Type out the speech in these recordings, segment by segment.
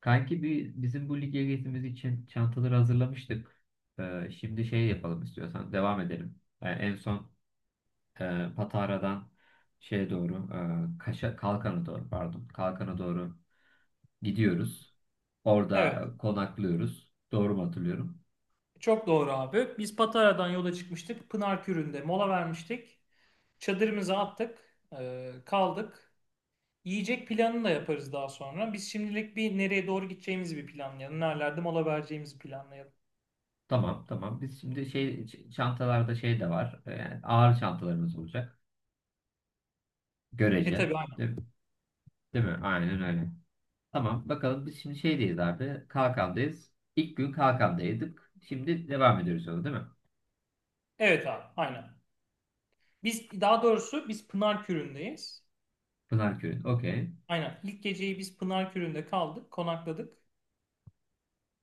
Kanki, bizim bu lige gezimiz için çantaları hazırlamıştık. Şimdi şey yapalım istiyorsan devam edelim. Yani en son Patara'dan şeye doğru, Kaşa, Kalkan'a doğru pardon, Kalkan'a doğru gidiyoruz. Evet, Orada konaklıyoruz. Doğru mu hatırlıyorum? çok doğru abi. Biz Patara'dan yola çıkmıştık. Pınarkürü'nde mola vermiştik. Çadırımızı attık, kaldık. Yiyecek planını da yaparız daha sonra. Biz şimdilik bir nereye doğru gideceğimizi bir planlayalım. Nerelerde mola vereceğimizi planlayalım. Tamam, tamam. Biz şimdi şey çantalarda şey de var. Yani ağır çantalarımız olacak. Görece. Tabii aynen. Değil, değil mi? Aynen öyle. Tamam, bakalım biz şimdi şeydeyiz abi. Kalkan'dayız. İlk gün Kalkan'daydık. Şimdi devam ediyoruz sonra, değil mi? Evet abi, aynen. Biz daha doğrusu biz Pınarkürü'ndeyiz. Pınarköy'ün. Okey. Aynen. İlk geceyi biz Pınarkürü'nde kaldık, konakladık.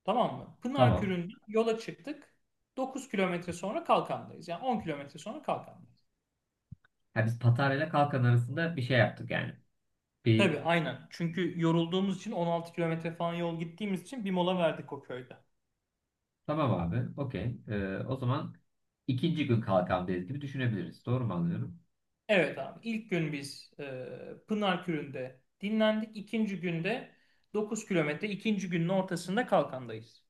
Tamam mı? Tamam. Pınarkürü'nden yola çıktık. 9 kilometre sonra Kalkan'dayız. Yani 10 kilometre sonra Kalkan'dayız. Ha, biz Patara ile Kalkan arasında bir şey yaptık yani. Bir Tabii aynen. Çünkü yorulduğumuz için 16 kilometre falan yol gittiğimiz için bir mola verdik o köyde. tamam abi. Okey. O zaman ikinci gün Kalkan'dayız gibi düşünebiliriz. Doğru mu anlıyorum? Evet abi, İlk gün biz Pınarkürü'nde dinlendik. İkinci günde 9 kilometre. İkinci günün ortasında Kalkan'dayız.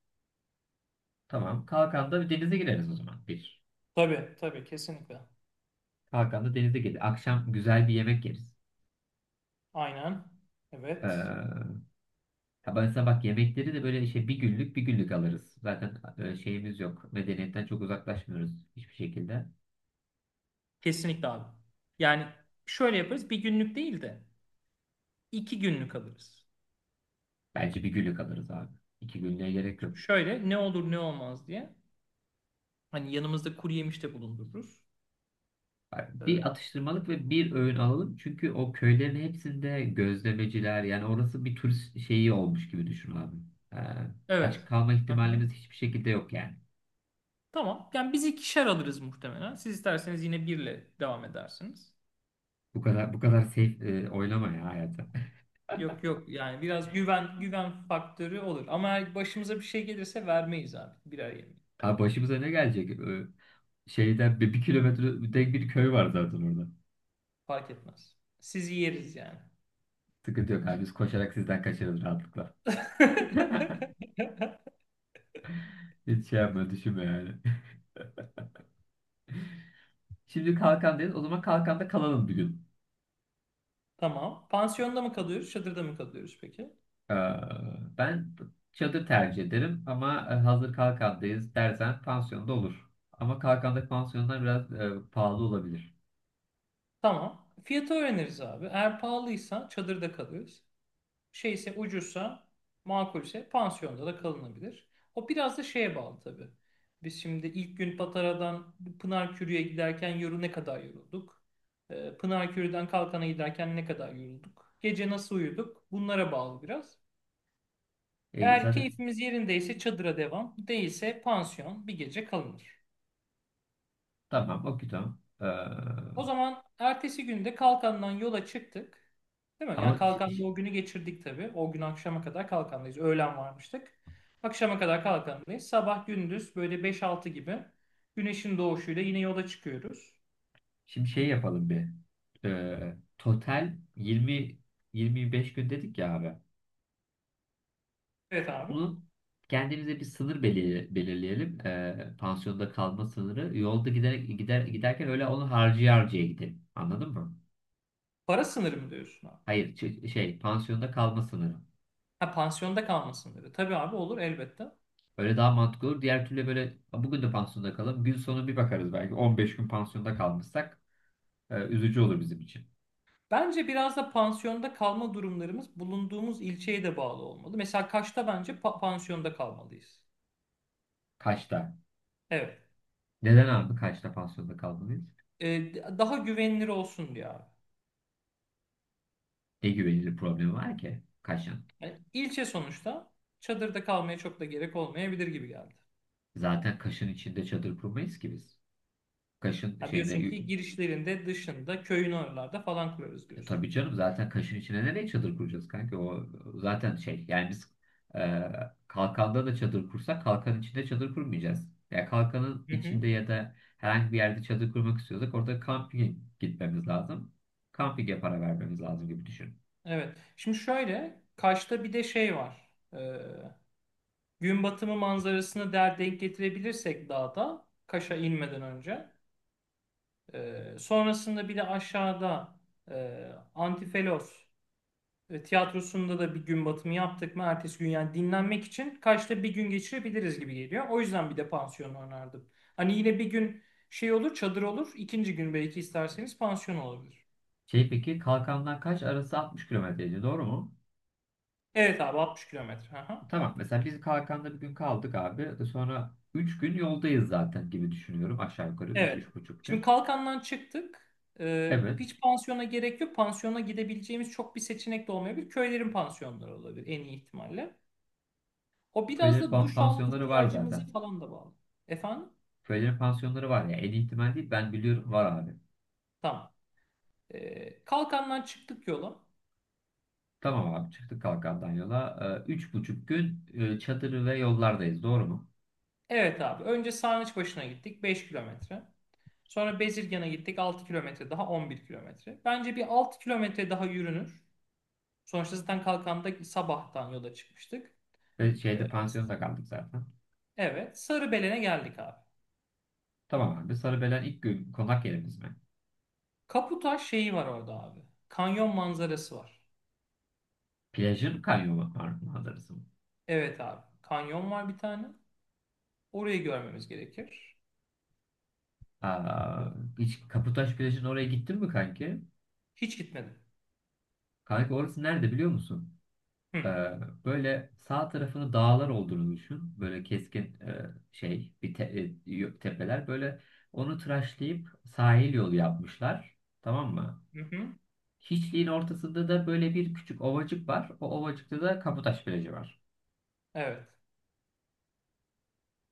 Tamam. Kalkan'da bir denize gireriz o zaman. Bir. Tabii tabii kesinlikle. Kalkan'da denize gireriz. Akşam güzel bir yemek yeriz. Aynen. Evet. Ee, Ya ben sana bak, yemekleri de böyle şey bir günlük bir günlük alırız. Zaten şeyimiz yok. Medeniyetten çok uzaklaşmıyoruz hiçbir şekilde. Kesinlikle abi. Yani şöyle yaparız bir günlük değil de 2 günlük alırız. Bence bir günlük alırız abi. 2 günlüğe gerek yok. Şimdi şöyle ne olur ne olmaz diye. Hani yanımızda kuru yemiş de bulundururuz. Yani Ee, bir atıştırmalık ve bir öğün alalım. Çünkü o köylerin hepsinde gözlemeciler, yani orası bir turist şeyi olmuş gibi düşün abi. Ee, evet. aç kalma Aha. ihtimalimiz hiçbir şekilde yok yani. Tamam. Yani biz ikişer alırız muhtemelen. Siz isterseniz yine birle devam edersiniz. Bu kadar bu kadar safe oynama ya hayatı. Yok yok, yani biraz güven güven faktörü olur. Ama eğer başımıza bir şey gelirse vermeyiz abi. Birer yemeği. Abi başımıza ne gelecek? Şeyden bir kilometre tek bir köy var zaten orada. Fark etmez. Sizi yeriz yani. Sıkıntı yok abi. Biz koşarak sizden kaçarız rahatlıkla. Hiç şey yapma düşünme yani. Şimdi Kalkandayız. O zaman Kalkanda kalalım bir gün. Tamam. Pansiyonda mı kalıyoruz, çadırda mı kalıyoruz peki? Ee, ben çadır tercih ederim ama hazır Kalkandayız dersen pansiyonda olur. Ama Kalkan'daki pansiyonlar biraz pahalı olabilir. Tamam. Fiyatı öğreniriz abi. Eğer pahalıysa çadırda kalıyoruz. Şeyse ucuzsa, makulse pansiyonda da kalınabilir. O biraz da şeye bağlı tabii. Biz şimdi ilk gün Patara'dan Pınarkürü'ye giderken ne kadar yorulduk? Pınarkürü'den Kalkan'a giderken ne kadar yorulduk? Gece nasıl uyuduk? Bunlara bağlı biraz. E, Eğer zaten keyfimiz yerindeyse çadıra devam, değilse pansiyon bir gece kalınır. tamam, okey, tamam. Ee, O zaman ertesi günde Kalkan'dan yola çıktık. Değil mi? ama Yani Kalkan'da o günü geçirdik tabii. O gün akşama kadar Kalkan'dayız. Öğlen varmıştık. Akşama kadar Kalkan'dayız. Sabah gündüz böyle beş altı gibi güneşin doğuşuyla yine yola çıkıyoruz. şimdi şey yapalım bir. Total 20 25 gün dedik ya abi. Evet abi. Bunun kendimize bir sınır belirleyelim. Pansiyonda kalma sınırı. Yolda giderek giderken öyle onu harcaya harcaya gidelim. Anladın mı? Para sınırı mı diyorsun abi? Hayır, şey, pansiyonda kalma sınırı. Ha, pansiyonda kalma sınırı. Tabii abi, olur elbette. Öyle daha mantıklı olur. Diğer türlü böyle, "A, bugün de pansiyonda kalalım. Gün sonu bir bakarız belki." 15 gün pansiyonda kalmışsak üzücü olur bizim için. Bence biraz da pansiyonda kalma durumlarımız bulunduğumuz ilçeye de bağlı olmalı. Mesela Kaş'ta bence pansiyonda kalmalıyız. Kaş'ta. Evet. Neden abi Kaş'ta pansiyonda kalmalıyız? Daha güvenilir olsun diye abi. Ne güvenilir problemi var ki Kaş'ın? Yani ilçe sonuçta çadırda kalmaya çok da gerek olmayabilir gibi geldi. Zaten Kaş'ın içinde çadır kurmayız ki biz. Kaş'ın Ha, şeyine. diyorsun ki girişlerinde, dışında, köyün oralarda falan kurarız E, diyorsun. tabii canım, zaten Kaşın içine nereye çadır kuracağız kanka? O zaten şey, yani biz e, Kalkanda da çadır kursak Kalkanın içinde çadır kurmayacağız. Ya Kalkanın Hı hı. içinde ya da herhangi bir yerde çadır kurmak istiyorsak orada kampinge gitmemiz lazım. Kampinge para vermemiz lazım gibi düşün. Evet. Şimdi şöyle, Kaş'ta bir de şey var. Gün batımı manzarasını denk getirebilirsek dağda, Kaş'a inmeden önce. Sonrasında bir de aşağıda e, Antifelos tiyatrosunda da bir gün batımı yaptık mı ertesi gün, yani dinlenmek için Kaş'ta bir gün geçirebiliriz gibi geliyor. O yüzden bir de pansiyon önerdim. Hani yine bir gün şey olur, çadır olur, ikinci gün belki isterseniz pansiyon olabilir. Şey, peki Kalkandan kaç arası 60 kilometreydi, doğru mu? Evet abi, 60 kilometre. Aha. Tamam, mesela biz Kalkanda bir gün kaldık abi. Sonra 3 gün yoldayız zaten gibi düşünüyorum, aşağı yukarı üç Evet. üç buçuk Şimdi gün. Kalkan'dan çıktık. Evet. Hiç pansiyona gerek yok. Pansiyona gidebileceğimiz çok bir seçenek de olmayabilir. Köylerin pansiyonları olabilir en iyi ihtimalle. O biraz Böyle da duş alma pansiyonları var ihtiyacımızı zaten. falan da bağlı. Efendim? Projenin pansiyonları var ya. En iyi ihtimal değil. Ben biliyorum var abi. Tamam. Kalkan'dan çıktık yola. Tamam abi, çıktık Kalkandan yola. 3,5 gün çadır ve yollardayız. Doğru mu? Evet abi. Önce Sarnıç gittik 5 kilometre. Sonra Bezirgan'a gittik 6 kilometre daha, 11 kilometre. Bence bir 6 kilometre daha yürünür. Sonuçta zaten Kalkan'da sabahtan yola çıkmıştık. Ve Ee, şeyde pansiyonda kaldık zaten. evet. Sarıbelen'e geldik abi. Tamam abi. Sarıbelen ilk gün konak yerimiz mi? Kaputaş şeyi var orada abi. Kanyon manzarası var. Plajın kanyon manzarası mı? Evet abi. Kanyon var bir tane. Orayı görmemiz gerekir. Ee, Aa, hiç Kaputaş plajın oraya gittin mi kanki? Hiç gitmedim. Kanki orası nerede biliyor musun? Hı. Ee, böyle sağ tarafını dağlar olduğunu düşün. Böyle keskin, şey bir tepeler. Böyle onu tıraşlayıp sahil yolu yapmışlar. Tamam mı? Hı hı. Hiçliğin ortasında da böyle bir küçük ovacık var. O ovacıkta da Kaputaş plajı var. Evet.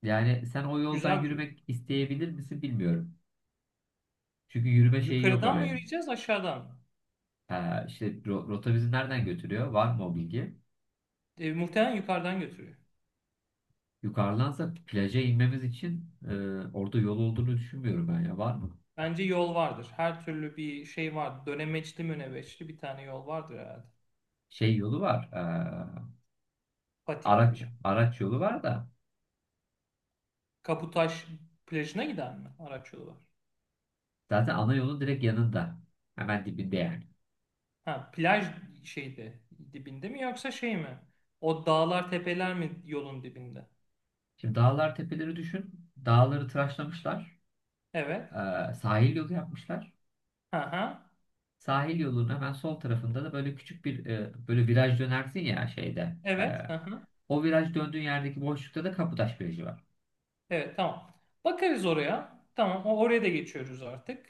Yani sen o yoldan Güzel duruyor. yürümek isteyebilir misin bilmiyorum. Çünkü yürüme şeyi yok Yukarıdan mı oraya. yürüyeceğiz, aşağıdan mı? Ha, işte rota bizi nereden götürüyor? Var mı o bilgi? Muhtemelen yukarıdan götürüyor. Yukarıdansa plaja inmemiz için orada yol olduğunu düşünmüyorum ben ya. Var mı? Bence yol vardır. Her türlü bir şey var. Dönemeçli mönebeçli bir tane yol vardır herhalde. Şey yolu var. e, Patika araç gibi. araç yolu var da Kaputaş plajına giden mi araç yolu var? zaten ana yolun direkt yanında. Hemen dibinde yani. Ha, plaj şeyde dibinde mi, yoksa şey mi? O dağlar tepeler mi yolun dibinde? Şimdi dağlar tepeleri düşün. Dağları tıraşlamışlar. Evet. Sahil yolu yapmışlar. Ha ha. Sahil yolunun hemen sol tarafında da böyle küçük bir, böyle viraj dönersin ya şeyde. e, Evet. Hı hı. o viraj döndüğün yerdeki boşlukta da Kapıtaş Virajı var. Evet, tamam. Bakarız oraya. Tamam, oraya da geçiyoruz artık.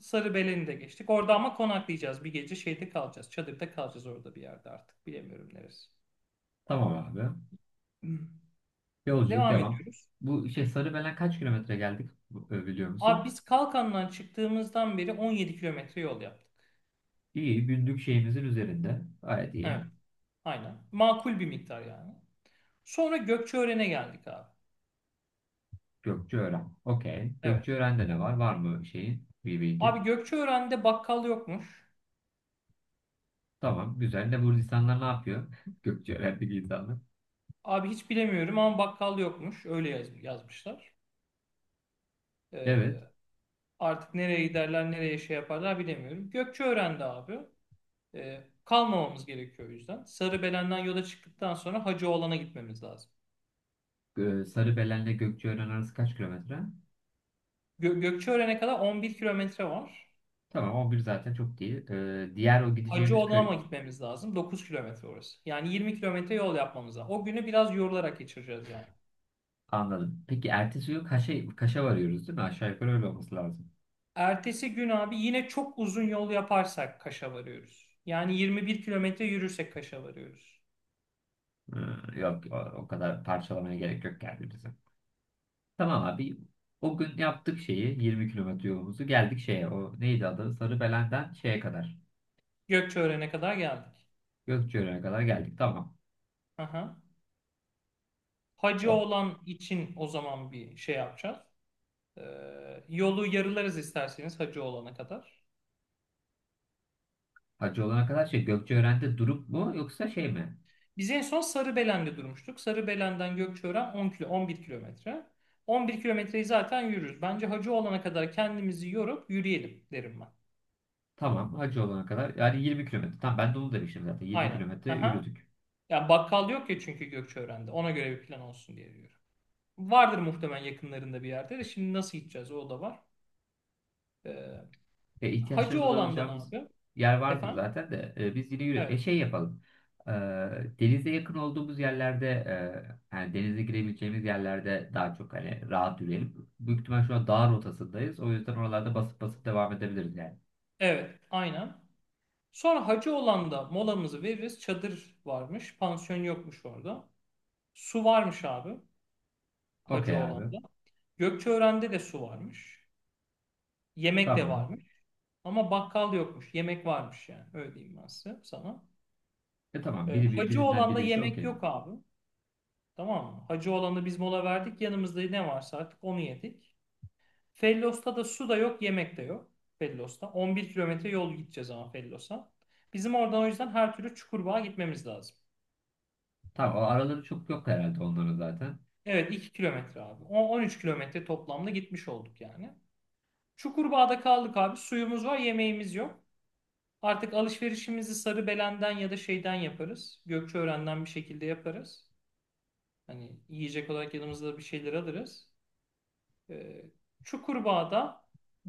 Sarıbelen'i de geçtik. Orada ama konaklayacağız. Bir gece şeyde kalacağız. Çadırda kalacağız orada bir yerde artık. Bilemiyorum neresi. Tamam abi. Hmm. Yolculuk Devam devam. ediyoruz. Bu şey Sarıbelen kaç kilometre geldik, biliyor Abi musun? biz Kalkan'dan çıktığımızdan beri 17 kilometre yol yaptık. İyi, günlük şeyimizin üzerinde. Gayet iyi. Evet, aynen. Makul bir miktar yani. Sonra Gökçeören'e geldik abi. Gökçeören. Okey. Evet. Gökçeören'de de var. Var mı şeyin bir bilgi? Abi Gökçeören'de bakkal yokmuş. Tamam. Güzel. De bu insanlar ne yapıyor? Gökçeören'deki insanlar. Abi hiç bilemiyorum ama bakkal yokmuş. Öyle yazmışlar. Ee, Evet. Artık nereye giderler, nereye şey yaparlar bilemiyorum. Gökçeören'de abi, kalmamamız gerekiyor o yüzden. Sarıbelen'den yola çıktıktan sonra Hacıoğlan'a gitmemiz lazım. Sarıbelen'le Gökçeören arası kaç kilometre? Gökçeören'e kadar 11 kilometre var. Tamam. 11 zaten çok değil. Diğer o Hacı gideceğimiz köy. Odam'a gitmemiz lazım. 9 kilometre orası. Yani 20 kilometre yol yapmamız lazım. O günü biraz yorularak geçireceğiz yani. Anladım. Peki ertesi gün Kaş'a varıyoruz, değil mi? Aşağı yukarı öyle olması lazım. Ertesi gün abi yine çok uzun yol yaparsak Kaş'a varıyoruz. Yani 21 kilometre yürürsek Kaş'a varıyoruz. Yok. O kadar parçalamaya gerek yok kendimizi. Tamam abi. O gün yaptık şeyi. 20 kilometre yolumuzu. Geldik şeye. O neydi adı? Sarıbelen'den şeye kadar. Gökçeören'e kadar geldik. Gökçeören'e kadar geldik. Tamam. Aha. Hacı O olan için o zaman bir şey yapacağız. Yolu yarılarız isterseniz Hacı olana kadar. hacı olana kadar şey Gökçeören'de durup mu yoksa şey mi? Biz en son Sarıbelen'de durmuştuk. Sarıbelen'den Gökçeören 10 kilo, 11 kilometre. 11 kilometreyi zaten yürürüz. Bence hacı olana kadar kendimizi yorup yürüyelim derim ben. Tamam, hacı olana kadar yani 20 kilometre. Tamam, ben de onu demiştim zaten, 20 Aynen. kilometre Aha. yürüdük. Ya bakkal yok ya, çünkü Gökçeören'de. Ona göre bir plan olsun diye diyorum. Vardır muhtemelen yakınlarında bir yerde de. Şimdi nasıl gideceğiz, o da var. Ee, E, Hacı ihtiyaçlarımızı olandan alacağımız abi. yer vardır Efendim? zaten de biz yine yürüdük. E Evet. şey yapalım. E, denize yakın olduğumuz yerlerde, yani denize girebileceğimiz yerlerde daha çok hani rahat yürüyelim. Büyük ihtimal şu an dağ rotasındayız. O yüzden oralarda basıp basıp devam edebiliriz yani. Evet. Aynen. Sonra hacı olanda molamızı veririz. Çadır varmış. Pansiyon yokmuş orada. Su varmış abi. Okey Hacı abi. olanda. Gökçeören'de de su varmış. Yemek de Tamam. varmış. Ama bakkal yokmuş. Yemek varmış yani. Öyle diyeyim ben size, sana. Tamam, Hacı birinden olanda birisi yemek okey. yok abi. Tamam mı? Hacı olanda biz mola verdik. Yanımızda ne varsa artık onu yedik. Fellos'ta da su da yok, yemek de yok. Fellos'ta. 11 kilometre yol gideceğiz ama Fellos'a. Bizim oradan o yüzden her türlü Çukurbağa gitmemiz lazım. Tamam, o araları çok yok herhalde onların zaten. Evet, 2 kilometre abi. 13 kilometre toplamda gitmiş olduk yani. Çukurbağa'da kaldık abi. Suyumuz var, yemeğimiz yok. Artık alışverişimizi Sarıbelen'den ya da şeyden yaparız. Gökçeören'den bir şekilde yaparız. Hani yiyecek olarak yanımızda bir şeyler alırız. Ee, Çukurbağa'da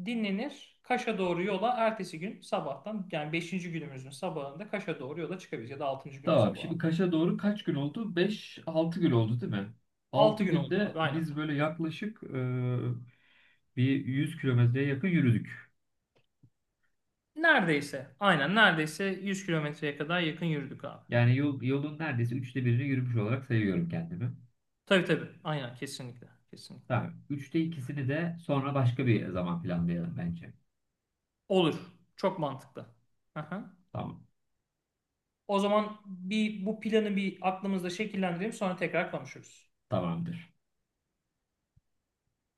dinlenir. Kaş'a doğru yola ertesi gün sabahtan, yani beşinci günümüzün sabahında Kaş'a doğru yola çıkabiliriz ya da 6. günün Tamam. Şimdi sabahı. Kaş'a doğru kaç gün oldu? 5-6 gün oldu değil mi? 6 6 gün oldu günde abi aynen. biz böyle yaklaşık, bir 100 kilometreye yakın yürüdük. Neredeyse aynen, neredeyse 100 kilometreye kadar yakın yürüdük abi. Yani yolun neredeyse üçte birini yürümüş olarak sayıyorum kendimi. Tabii tabii aynen, kesinlikle kesinlikle. Tamam. Üçte ikisini de sonra başka bir zaman planlayalım bence. Olur, çok mantıklı. Aha. Tamam. O zaman bir bu planı bir aklımızda şekillendirelim, sonra tekrar konuşuruz. Tamamdır.